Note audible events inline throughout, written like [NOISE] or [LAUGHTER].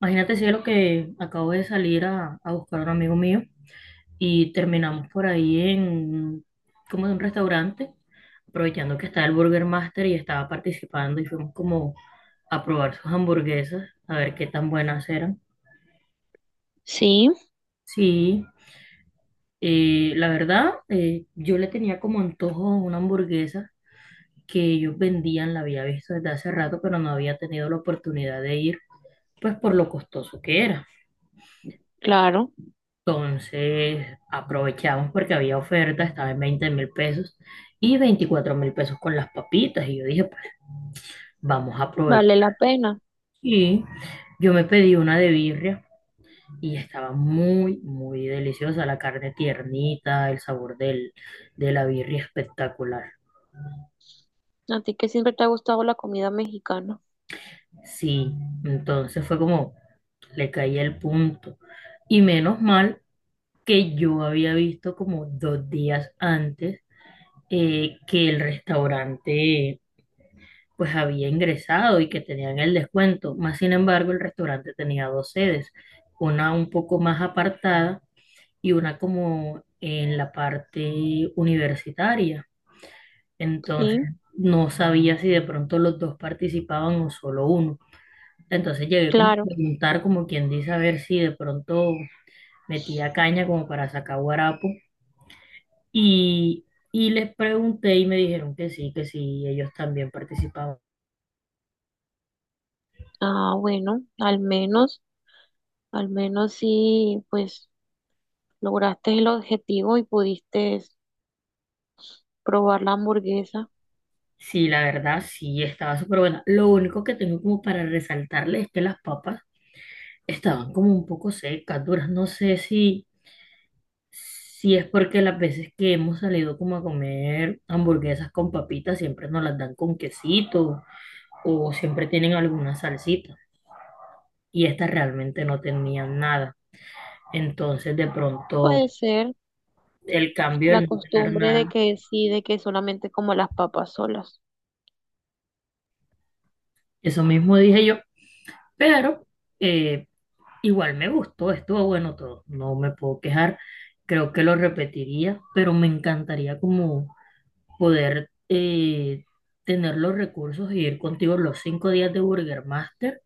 Imagínate, cielo, que acabo de salir a buscar a un amigo mío y terminamos por ahí en como en un restaurante, aprovechando que estaba el Burger Master y estaba participando y fuimos como a probar sus hamburguesas, a ver qué tan buenas eran. Sí, Sí, la verdad, yo le tenía como antojo a una hamburguesa que ellos vendían, la había visto desde hace rato, pero no había tenido la oportunidad de ir, pues por lo costoso que era. claro, Entonces aprovechamos porque había oferta, estaba en 20.000 pesos y 24.000 pesos con las papitas. Y yo dije, pues vamos a aprovechar. vale la pena. Y yo me pedí una de birria y estaba muy, muy deliciosa. La carne tiernita, el sabor de la birria espectacular. A ti que siempre te ha gustado la comida mexicana. Sí, entonces fue como le caí el punto. Y menos mal que yo había visto como 2 días antes que el restaurante pues había ingresado y que tenían el descuento. Más sin embargo, el restaurante tenía dos sedes, una un poco más apartada y una como en la parte universitaria. Entonces, Sí, no sabía si de pronto los dos participaban o solo uno. Entonces llegué como a claro. preguntar, como quien dice, a ver si de pronto metía caña como para sacar guarapo. Y, y les pregunté y me dijeron que sí, ellos también participaban. Ah, bueno, al menos sí, pues lograste el objetivo y pudiste probar la hamburguesa. Sí, la verdad, sí, estaba súper buena. Lo único que tengo como para resaltarle es que las papas estaban como un poco secas, duras. No sé si es porque las veces que hemos salido como a comer hamburguesas con papitas siempre nos las dan con quesito o siempre tienen alguna salsita. Y estas realmente no tenían nada. Entonces, de pronto, Puede ser el cambio la del no tener costumbre de nada, que sí, de que solamente como las papas solas. eso mismo dije yo. Pero, eh, igual me gustó, estuvo bueno todo, no me puedo quejar, creo que lo repetiría, pero me encantaría como poder tener los recursos y ir contigo los 5 días de Burger Master,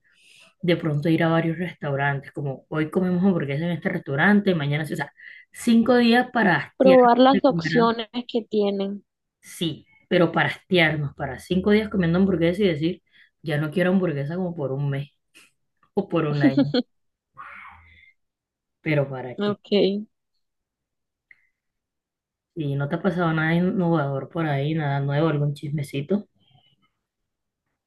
de pronto ir a varios restaurantes, como hoy comemos hamburguesas en este restaurante, mañana, sí, o sea, 5 días para hastiarnos Probar de las comer, opciones que tienen. sí, pero para hastiarnos, para 5 días comiendo hamburguesas y decir, ya no quiero hamburguesa como por un mes o por un año, [LAUGHS] pero ¿para qué? Ok. ¿Y no te ha pasado nada innovador por ahí, nada nuevo, algún chismecito?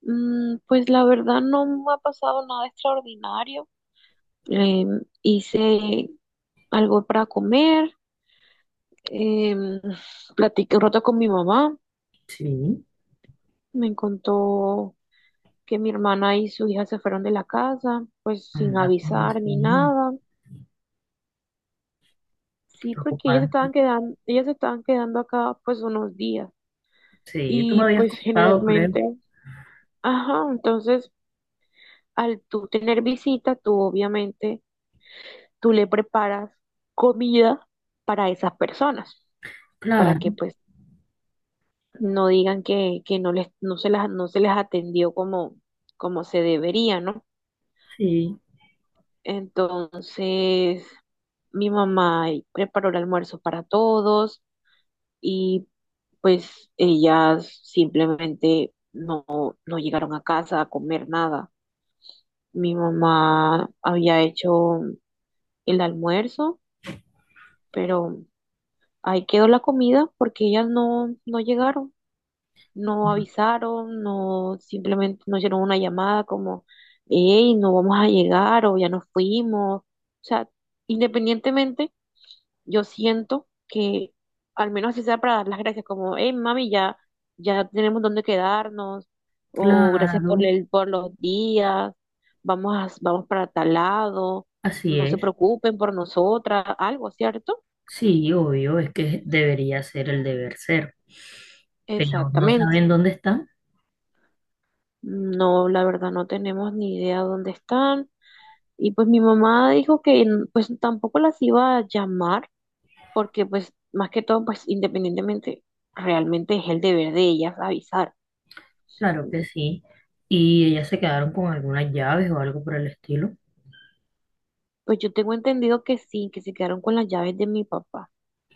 Pues la verdad no me ha pasado nada extraordinario. Hice algo para comer, em, platiqué un rato con mi mamá, Sí, me contó que mi hermana y su hija se fueron de la casa, pues sin anda como avisar ni así, nada. qué Sí, porque preocupante. Ellas se estaban quedando acá pues unos días. Sí, tú me Y habías pues [LAUGHS] contado, creo. generalmente, ajá, entonces al tú tener visita, tú obviamente, tú le preparas comida para esas personas, para Claro, que pues no digan que no se les atendió como, como se debería, ¿no? sí, Entonces, mi mamá preparó el almuerzo para todos y pues ellas simplemente no llegaron a casa a comer nada. Mi mamá había hecho el almuerzo, pero ahí quedó la comida porque ellas no llegaron. No avisaron, no simplemente no hicieron una llamada como, hey, no vamos a llegar o ya nos fuimos. O sea, independientemente, yo siento que al menos así sea para dar las gracias, como, hey, mami, ya tenemos dónde quedarnos, o gracias por claro, el, por los días, vamos para tal lado, así no se es. preocupen por nosotras, algo, ¿cierto? Sí, obvio, es que debería ser el deber ser, pero no Exactamente. saben dónde están, No, la verdad no tenemos ni idea dónde están. Y pues mi mamá dijo que pues tampoco las iba a llamar porque pues más que todo pues independientemente realmente es el deber de ellas avisar. claro que sí. Y ellas se quedaron con algunas llaves o algo por el estilo. Pues yo tengo entendido que sí, que se quedaron con las llaves de mi papá.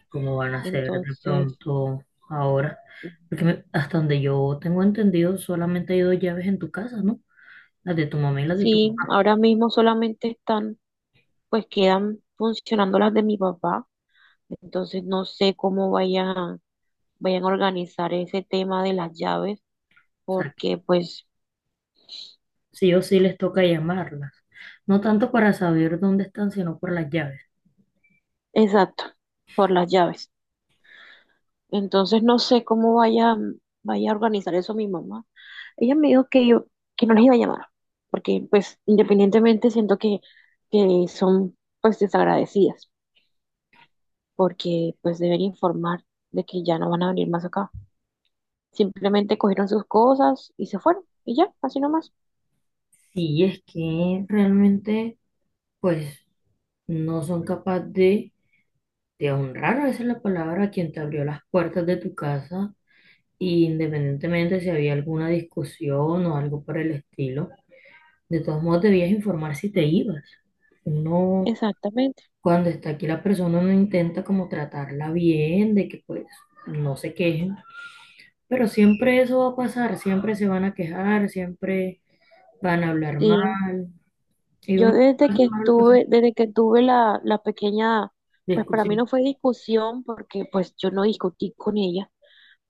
Como van a ser de Entonces, pronto ahora. Hasta donde yo tengo entendido, solamente hay dos llaves en tu casa, ¿no? Las de tu mamá y las de tu sí, papá. ahora mismo solamente están pues quedan funcionando las de mi papá. Entonces no sé cómo vayan a organizar ese tema de las llaves O sea, que porque pues sí o sí les toca llamarlas. No tanto para saber dónde están, sino por las llaves. exacto, por las llaves. Entonces no sé cómo vaya a organizar eso mi mamá. Ella me dijo que yo, que no les iba a llamar, porque pues independientemente siento que son pues desagradecidas, porque pues deben informar de que ya no van a venir más acá. Simplemente cogieron sus cosas y se fueron, y ya, así nomás. Sí es que realmente, pues, no son capaces de honrar, esa es la palabra, a quien te abrió las puertas de tu casa, y independientemente si había alguna discusión o algo por el estilo. De todos modos, debías informar si te ibas. Uno, Exactamente. cuando está aquí la persona, uno intenta como tratarla bien, de que pues no se quejen, pero siempre eso va a pasar, siempre se van a quejar, siempre van a hablar Sí. mal, y Yo uno desde pasa que mal pues, estuve, desde que tuve la pequeña, pues para mí discusión. no fue discusión, porque pues yo no discutí con ella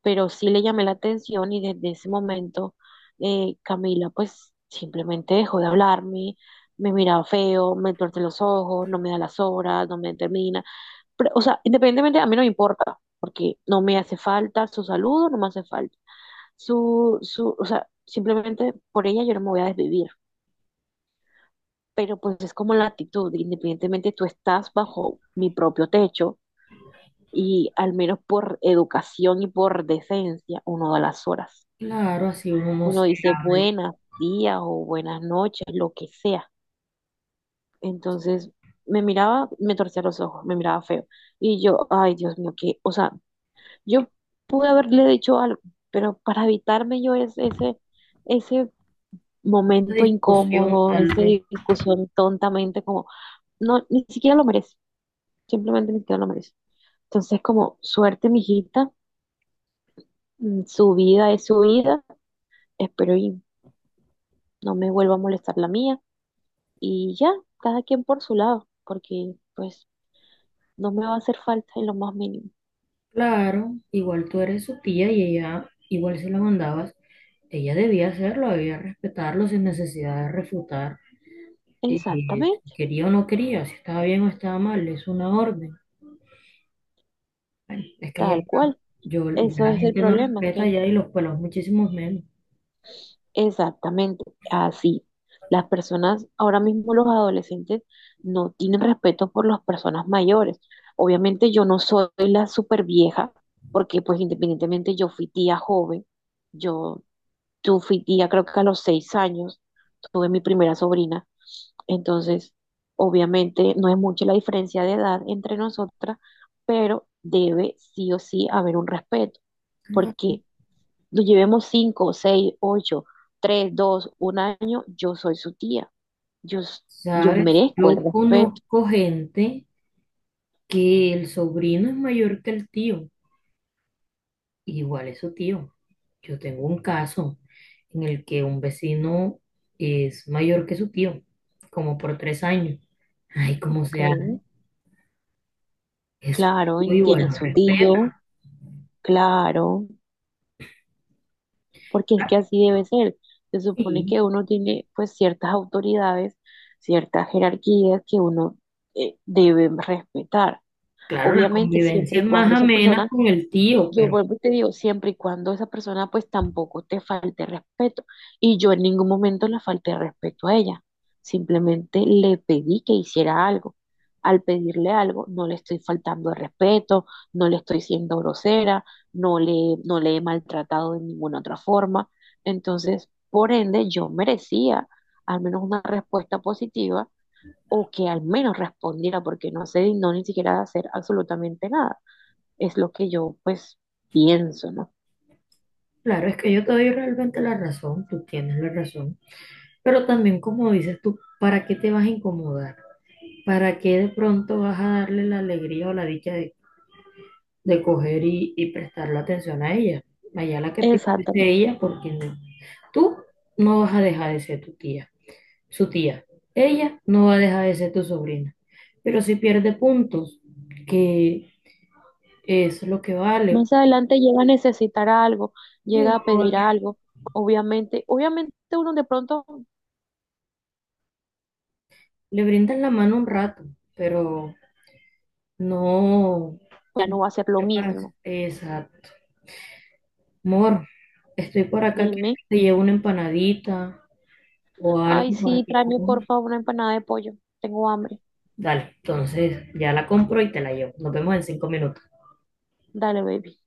pero sí le llamé la atención y desde ese momento Camila pues simplemente dejó de hablarme, me miraba feo, me tuerce los ojos, no me da las horas, no me determina. Pero, o sea, independientemente a mí no me importa, porque no me hace falta su saludo, no me hace falta. Su, o sea, simplemente por ella yo no me voy a desvivir. Pero pues es como la actitud, independientemente tú estás bajo mi propio techo y al menos por educación y por decencia uno da las horas. Claro, así uno no se Uno dice hable. buenas días o buenas noches, lo que sea. Entonces me miraba, me torcía los ojos, me miraba feo. Y yo, ay, Dios mío, que, o sea, yo pude haberle dicho algo, pero para evitarme yo ese La momento discusión incómodo, tal esa vez. discusión tontamente, como, no, ni siquiera lo merece, simplemente ni siquiera lo merece. Entonces, como, suerte, mijita, su vida es su vida, espero y no me vuelva a molestar la mía. Y ya, cada quien por su lado, porque pues no me va a hacer falta en lo más mínimo. Claro, igual tú eres su tía y ella, igual si la mandabas, ella debía hacerlo, debía respetarlo sin necesidad de refutar. Y si Exactamente, quería o no quería, si estaba bien o estaba mal, es una orden. Bueno, es que ya tal está. cual. Yo, Eso la es el gente no problema, respeta que ya y los pueblos muchísimos menos. exactamente así. Las personas, ahora mismo los adolescentes, no tienen respeto por las personas mayores. Obviamente yo no soy la super vieja, porque pues independientemente yo fui tía joven, yo Yo fui tía, creo que a los 6 años tuve mi primera sobrina. Entonces, obviamente no es mucha la diferencia de edad entre nosotras, pero debe sí o sí haber un respeto, Claro. porque nos llevemos cinco, seis, ocho, tres, dos, un año, yo soy su tía. Yo, yo ¿Sabes? merezco el Yo respeto. conozco gente que el sobrino es mayor que el tío. Igual es su tío. Yo tengo un caso en el que un vecino es mayor que su tío, como por 3 años. Ay, como Ok, se hace? Eso claro, y igual tiene lo su tío, respeta. claro. Porque es Ah, que así debe ser. Se supone sí. que uno tiene pues ciertas autoridades, ciertas jerarquías que uno debe respetar. Claro, la Obviamente, siempre convivencia y es más cuando esa amena persona con el tío, yo pero vuelvo y te digo, siempre y cuando esa persona pues tampoco te falte respeto. Y yo en ningún momento le falté respeto a ella. Simplemente le pedí que hiciera algo. Al pedirle algo, no le estoy faltando el respeto, no le estoy siendo grosera, no le, no le he maltratado de ninguna otra forma. Entonces, por ende, yo merecía al menos una respuesta positiva o que al menos respondiera porque no se dignó ni siquiera de hacer absolutamente nada es lo que yo pues pienso, ¿no? claro, es que yo te doy realmente la razón, tú tienes la razón, pero también como dices tú, ¿para qué te vas a incomodar? ¿Para qué de pronto vas a darle la alegría o la dicha de coger y prestarle atención a ella? Allá la que piense es Exactamente. ella, porque no- tú no vas a dejar de ser tu tía, su tía, ella no va a dejar de ser tu sobrina, pero si pierde puntos, que es lo que vale, Más adelante llega a necesitar algo, y llega uno a no va a pedir quedar. algo. Obviamente, obviamente uno de pronto Le brindan la mano un rato, pero no. ya no va a hacer lo no para- mismo. Exacto. Amor, estoy por acá, ¿quieres Dime, que te lleve una empanadita o ay, algo para sí, que tráeme por comas? favor una empanada de pollo. Tengo hambre. Dale, entonces ya la compro y te la llevo. Nos vemos en 5 minutos. Dale, baby.